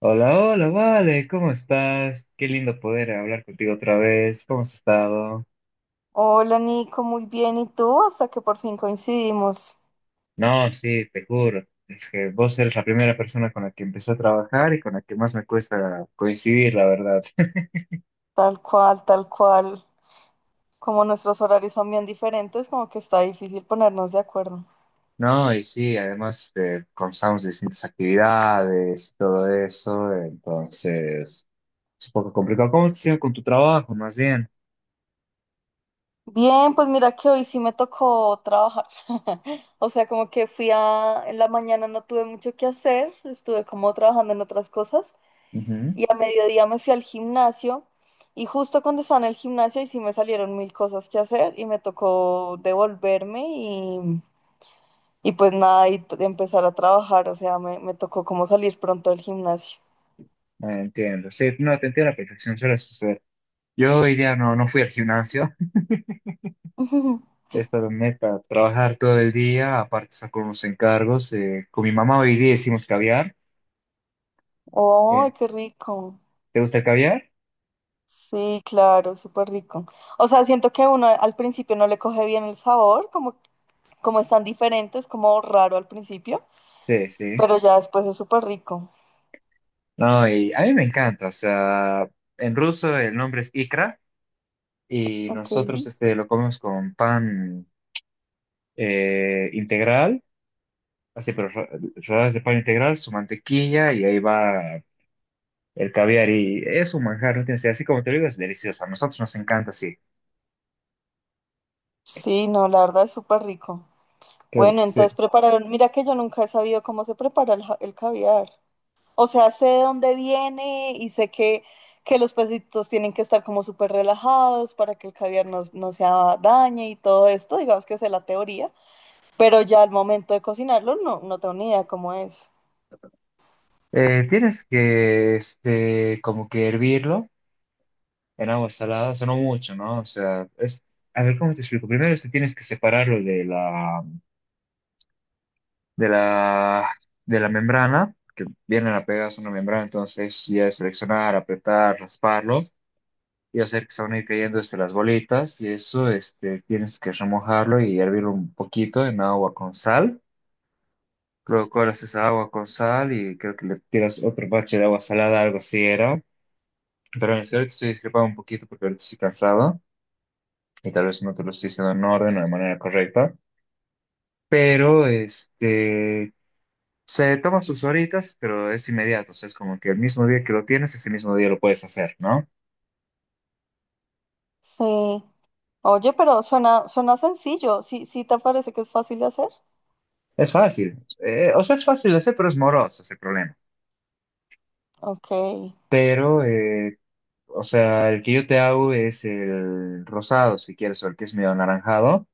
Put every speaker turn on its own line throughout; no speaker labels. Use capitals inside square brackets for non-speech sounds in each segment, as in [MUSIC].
Hola, hola, vale, ¿cómo estás? Qué lindo poder hablar contigo otra vez, ¿cómo has estado?
Hola Nico, muy bien. ¿Y tú? Hasta que por fin coincidimos.
No, sí, te juro, es que vos eres la primera persona con la que empecé a trabajar y con la que más me cuesta coincidir, la verdad. [LAUGHS]
Tal cual, tal cual. Como nuestros horarios son bien diferentes, como que está difícil ponernos de acuerdo.
No, y sí, además comenzamos distintas actividades y todo eso, entonces es un poco complicado. ¿Cómo te sigue con tu trabajo, más bien?
Bien, pues mira que hoy sí me tocó trabajar. [LAUGHS] O sea, como que fui a... En la mañana no tuve mucho que hacer, estuve como trabajando en otras cosas.
Ujú.
Y a mediodía me fui al gimnasio. Y justo cuando estaba en el gimnasio, y sí me salieron mil cosas que hacer y me tocó devolverme. Y pues nada, y empezar a trabajar, o sea, me tocó como salir pronto del gimnasio.
Entiendo, sí, no, te entiendo a la perfección, suele suceder. Yo hoy día no fui al gimnasio.
[LAUGHS]
Es para trabajar todo el día, aparte saco con unos encargos. Con mi mamá hoy día hicimos caviar.
¡Ay,
eh,
qué rico!
¿Te gusta el caviar?
Sí, claro, súper rico. O sea, siento que uno al principio no le coge bien el sabor, como, están diferentes, como raro al principio,
Sí, sí.
pero ya después es súper rico.
No, y a mí me encanta. O sea, en ruso el nombre es ikra y
Ok.
nosotros lo comemos con pan integral, así, pero rodajas de pan integral, su mantequilla y ahí va el caviar. Y es un manjar, ¿no? Así como te lo digo, es delicioso. A nosotros nos encanta, sí.
Sí, no, la verdad es súper rico.
Qué,
Bueno,
sí.
entonces prepararon, mira que yo nunca he sabido cómo se prepara el caviar. O sea, sé de dónde viene y sé que los pesitos tienen que estar como súper relajados para que el caviar no, no se dañe y todo esto, digamos que sé la teoría, pero ya al momento de cocinarlo no, no tengo ni idea cómo es.
Tienes que, como que hervirlo en agua salada, o sea, no mucho, ¿no? O sea, a ver, ¿cómo te explico? Primero tienes que separarlo de la, de la, membrana, que viene la pegadas una membrana, entonces ya es seleccionar, apretar, rasparlo y hacer que se van a ir cayendo, las bolitas y eso, tienes que remojarlo y hervirlo un poquito en agua con sal. Luego colas esa agua con sal y creo que le tiras otro bache de agua salada, algo así era. Pero es que ahorita estoy discrepando un poquito porque ahorita estoy cansado y tal vez no te lo estoy diciendo en orden o de manera correcta. Pero se toma sus horitas, pero es inmediato. O sea, es como que el mismo día que lo tienes, ese mismo día lo puedes hacer, ¿no?
Sí. Oye, pero suena, suena sencillo. ¿Sí, sí te parece que es fácil de hacer?
Es fácil. O sea, es fácil de hacer, pero es moroso ese problema.
Ok,
Pero, o sea, el que yo te hago es el rosado, si quieres, o el que es medio anaranjado.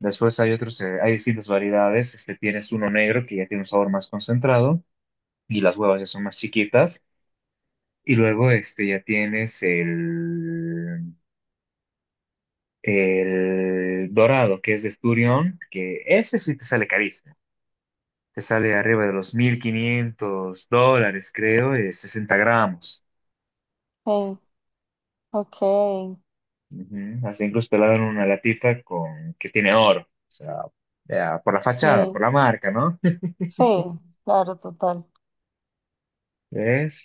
Después hay otros, hay distintas variedades. Tienes uno negro que ya tiene un sabor más concentrado y las huevas ya son más chiquitas. Y luego ya tienes el dorado, que es de esturión, que ese sí te sale carísimo. Te sale arriba de los $1.500, creo, de 60 gramos.
sí, ok,
Ujú. Hasta incluso te la dan en una latita con, que tiene oro. O sea, ya, por la fachada, por
sí,
la marca, ¿no?
sí, claro, total.
[LAUGHS] ¿Ves?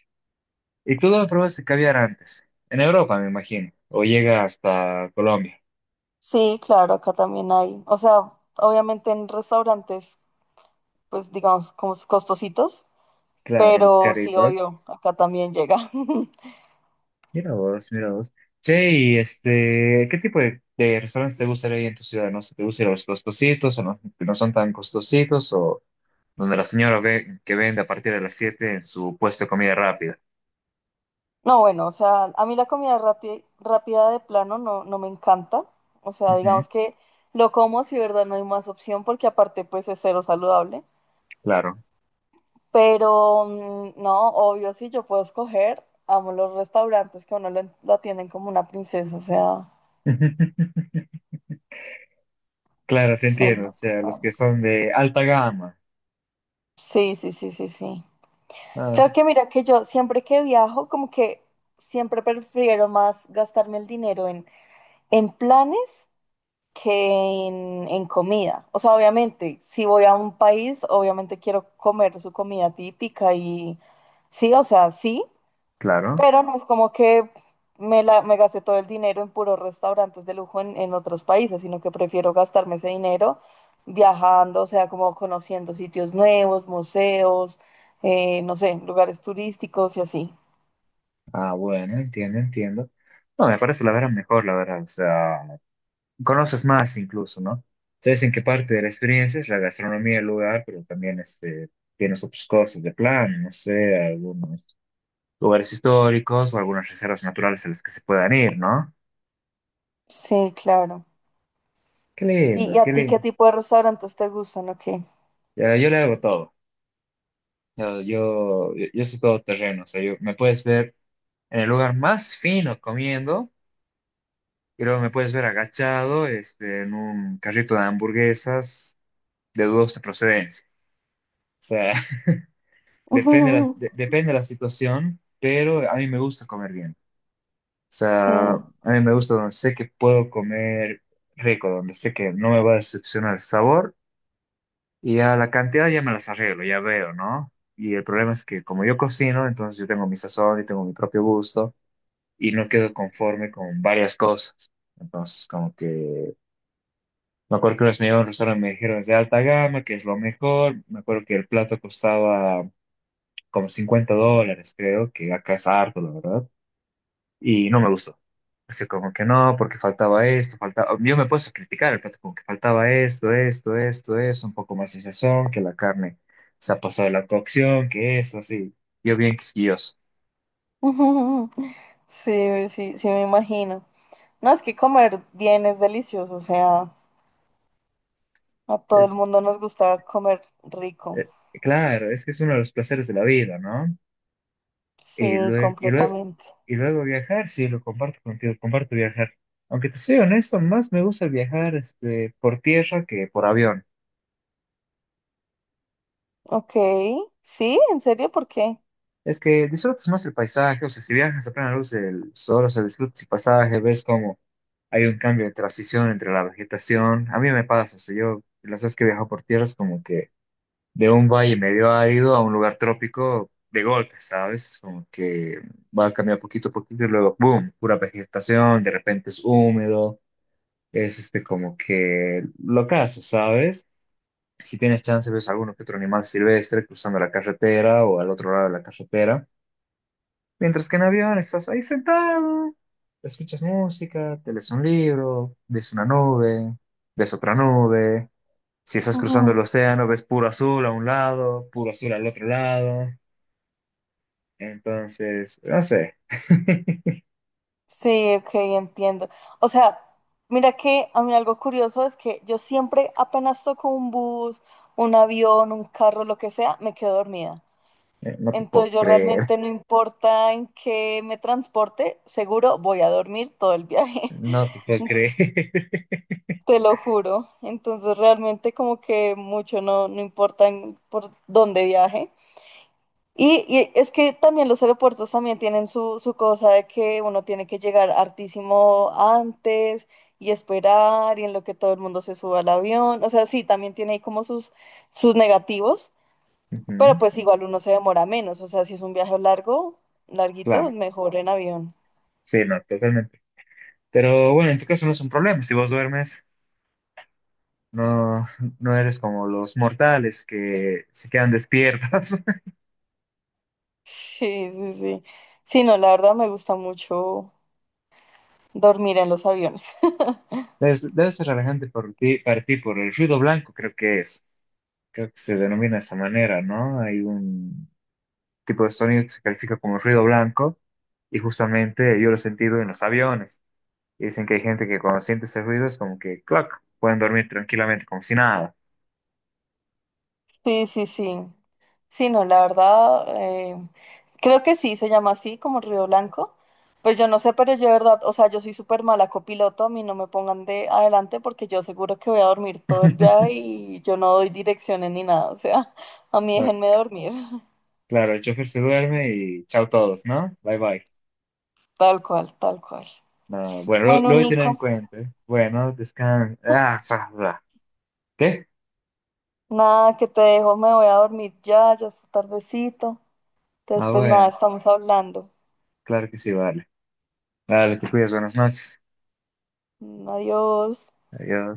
¿Y tú dónde probaste caviar antes? En Europa, me imagino. O llega hasta Colombia.
Sí, claro, acá también hay. O sea, obviamente en restaurantes, pues digamos, como costositos.
Claro, los
Pero sí,
caritos.
obvio, acá también llega. [LAUGHS]
Mira vos, mira vos. Che, y ¿qué tipo de restaurantes te gustaría ir en tu ciudad? No sé, ¿te gustaría los costositos o no, que no son tan costositos o donde la señora ve que vende a partir de las 7 en su puesto de comida rápida?
No, bueno, o sea, a mí la comida rápida de plano no, no me encanta. O sea,
Ujú,
digamos que lo como si, verdad, no hay más opción porque aparte pues es cero saludable.
claro.
Pero no, obvio, si yo puedo escoger, amo los restaurantes que a uno lo atienden como una princesa. O sea,
[LAUGHS] Claro, te
sí,
entiendo. O
no,
sea, los que
total.
son de alta gama.
Sí, sí, sí, sí, sí.
Ah,
Creo que mira que yo siempre que viajo, como que siempre prefiero más gastarme el dinero en, planes que en, comida. O sea, obviamente, si voy a un país, obviamente quiero comer su comida típica y sí, o sea, sí,
claro.
pero no es como que me gasté todo el dinero en puros restaurantes de lujo en, otros países, sino que prefiero gastarme ese dinero viajando, o sea, como conociendo sitios nuevos, museos, no sé, lugares turísticos y así.
Ah, bueno, entiendo, entiendo. No, me parece la verdad mejor, la verdad. O sea, conoces más incluso, ¿no? Sabes en qué parte de la experiencia es la gastronomía del lugar, pero también tienes otras cosas de plan, no sé, algunos lugares históricos o algunas reservas naturales a las que se puedan ir, ¿no?
Sí, claro.
Qué
¿Y,
lindo,
y
qué
a ti qué
lindo.
tipo de restaurantes te gustan o qué?
Ya, yo le hago todo. Yo soy todo terreno, o sea, yo, me puedes ver en el lugar más fino comiendo, y luego me puedes ver agachado en un carrito de hamburguesas de dudosa procedencia. Depende la, de-
[LAUGHS]
depende la situación, pero a mí me gusta comer bien. O
Sí.
sea, a mí me gusta donde sé que puedo comer rico, donde sé que no me va a decepcionar el sabor y a la cantidad ya me las arreglo, ya veo, ¿no? Y el problema es que como yo cocino, entonces yo tengo mi sazón y tengo mi propio gusto y no quedo conforme con varias cosas. Entonces, como que me acuerdo que unos me llevaron a un restaurante y me dijeron es de alta gama, que es lo mejor. Me acuerdo que el plato costaba como $50, creo, que acá es harto, la verdad, y no me gustó. Así como que no, porque faltaba esto, faltaba. Yo me puedo criticar el plato, como que faltaba esto, esto, esto, esto, un poco más de sazón, que la carne se ha pasado de la cocción, que esto, así. Yo bien quisquilloso.
[LAUGHS] Sí, sí, sí me imagino. No, es que comer bien es delicioso, o sea, a todo el
Es,
mundo nos gusta comer rico.
eh, claro, es que es uno de los placeres de la vida, ¿no? Y
Sí,
luego, y luego,
completamente.
y luego viajar, sí, lo comparto contigo, comparto viajar. Aunque te soy honesto, más me gusta viajar por tierra que por avión.
Ok, sí, ¿en serio? ¿Por qué?
Es que disfrutas más el paisaje, o sea, si viajas a plena luz del sol, o sea, disfrutas el paisaje, ves cómo hay un cambio de transición entre la vegetación. A mí me pasa, o sea, yo las veces que viajo por tierra es como que de un valle medio árido a un lugar trópico de golpe, ¿sabes? Es como que va a cambiar poquito a poquito y luego, ¡boom!, pura vegetación, de repente es húmedo, es como que lo caso, ¿sabes? Si tienes chance, ves alguno que otro animal silvestre cruzando la carretera o al otro lado de la carretera. Mientras que en avión estás ahí sentado, escuchas música, te lees un libro, ves una nube, ves otra nube. Si estás cruzando el
Ujú.
océano, ves puro azul a un lado, puro azul al otro lado. Entonces, no sé. [LAUGHS]
Sí, ok, entiendo. O sea, mira que a mí algo curioso es que yo siempre apenas toco un bus, un avión, un carro, lo que sea, me quedo dormida.
No te
Entonces
puedo
yo
creer.
realmente no importa en qué me transporte, seguro voy a dormir todo el viaje.
No te puedo
[LAUGHS]
creer.
Te lo juro. Entonces realmente como que mucho no, no importa por dónde viaje. Y es que también los aeropuertos también tienen su cosa de que uno tiene que llegar hartísimo antes y esperar y en lo que todo el mundo se suba al avión. O sea, sí, también tiene ahí como sus, negativos,
[LAUGHS]
pero pues
Ujú.
igual uno se demora menos. O sea, si es un viaje largo, larguito,
Claro,
mejor en avión. [LAUGHS]
sí, no, totalmente. Pero bueno, en tu caso no es un problema. Si vos duermes, no, no eres como los mortales que se quedan despiertos. [LAUGHS]
Sí, sí, sí. Sí, no, la verdad me gusta mucho dormir en los aviones.
Debe ser relajante para ti por el ruido blanco, creo que es. Creo que se denomina de esa manera, ¿no? Hay un tipo de sonido que se califica como ruido blanco y justamente yo lo he sentido en los aviones. Y dicen que hay gente que cuando siente ese ruido es como que, clac, pueden dormir tranquilamente como si nada.
Sí, sí, sí. Sí, no, la verdad, creo que sí, se llama así, como Río Blanco. Pues yo no sé, pero yo de verdad, o sea, yo soy súper mala copiloto, a mí no me pongan de adelante porque yo seguro que voy a dormir todo el viaje
[LAUGHS]
y yo no doy direcciones ni nada, o sea, [LAUGHS] a mí
No,
déjenme dormir, [LAUGHS]
claro, el chofer se duerme y chao todos, ¿no? Bye bye.
tal cual, tal cual.
No, bueno, lo,
Bueno,
lo voy a tener en
Nico,
cuenta. ¿Eh? Bueno, descansa. Ah, fa- fa. ¿Qué?
nada, que te dejo, me voy a dormir ya, ya está tardecito. Entonces,
Ah,
pues nada,
bueno,
estamos hablando.
claro que sí, vale. Vale, te cuidas, buenas noches.
Adiós.
Adiós.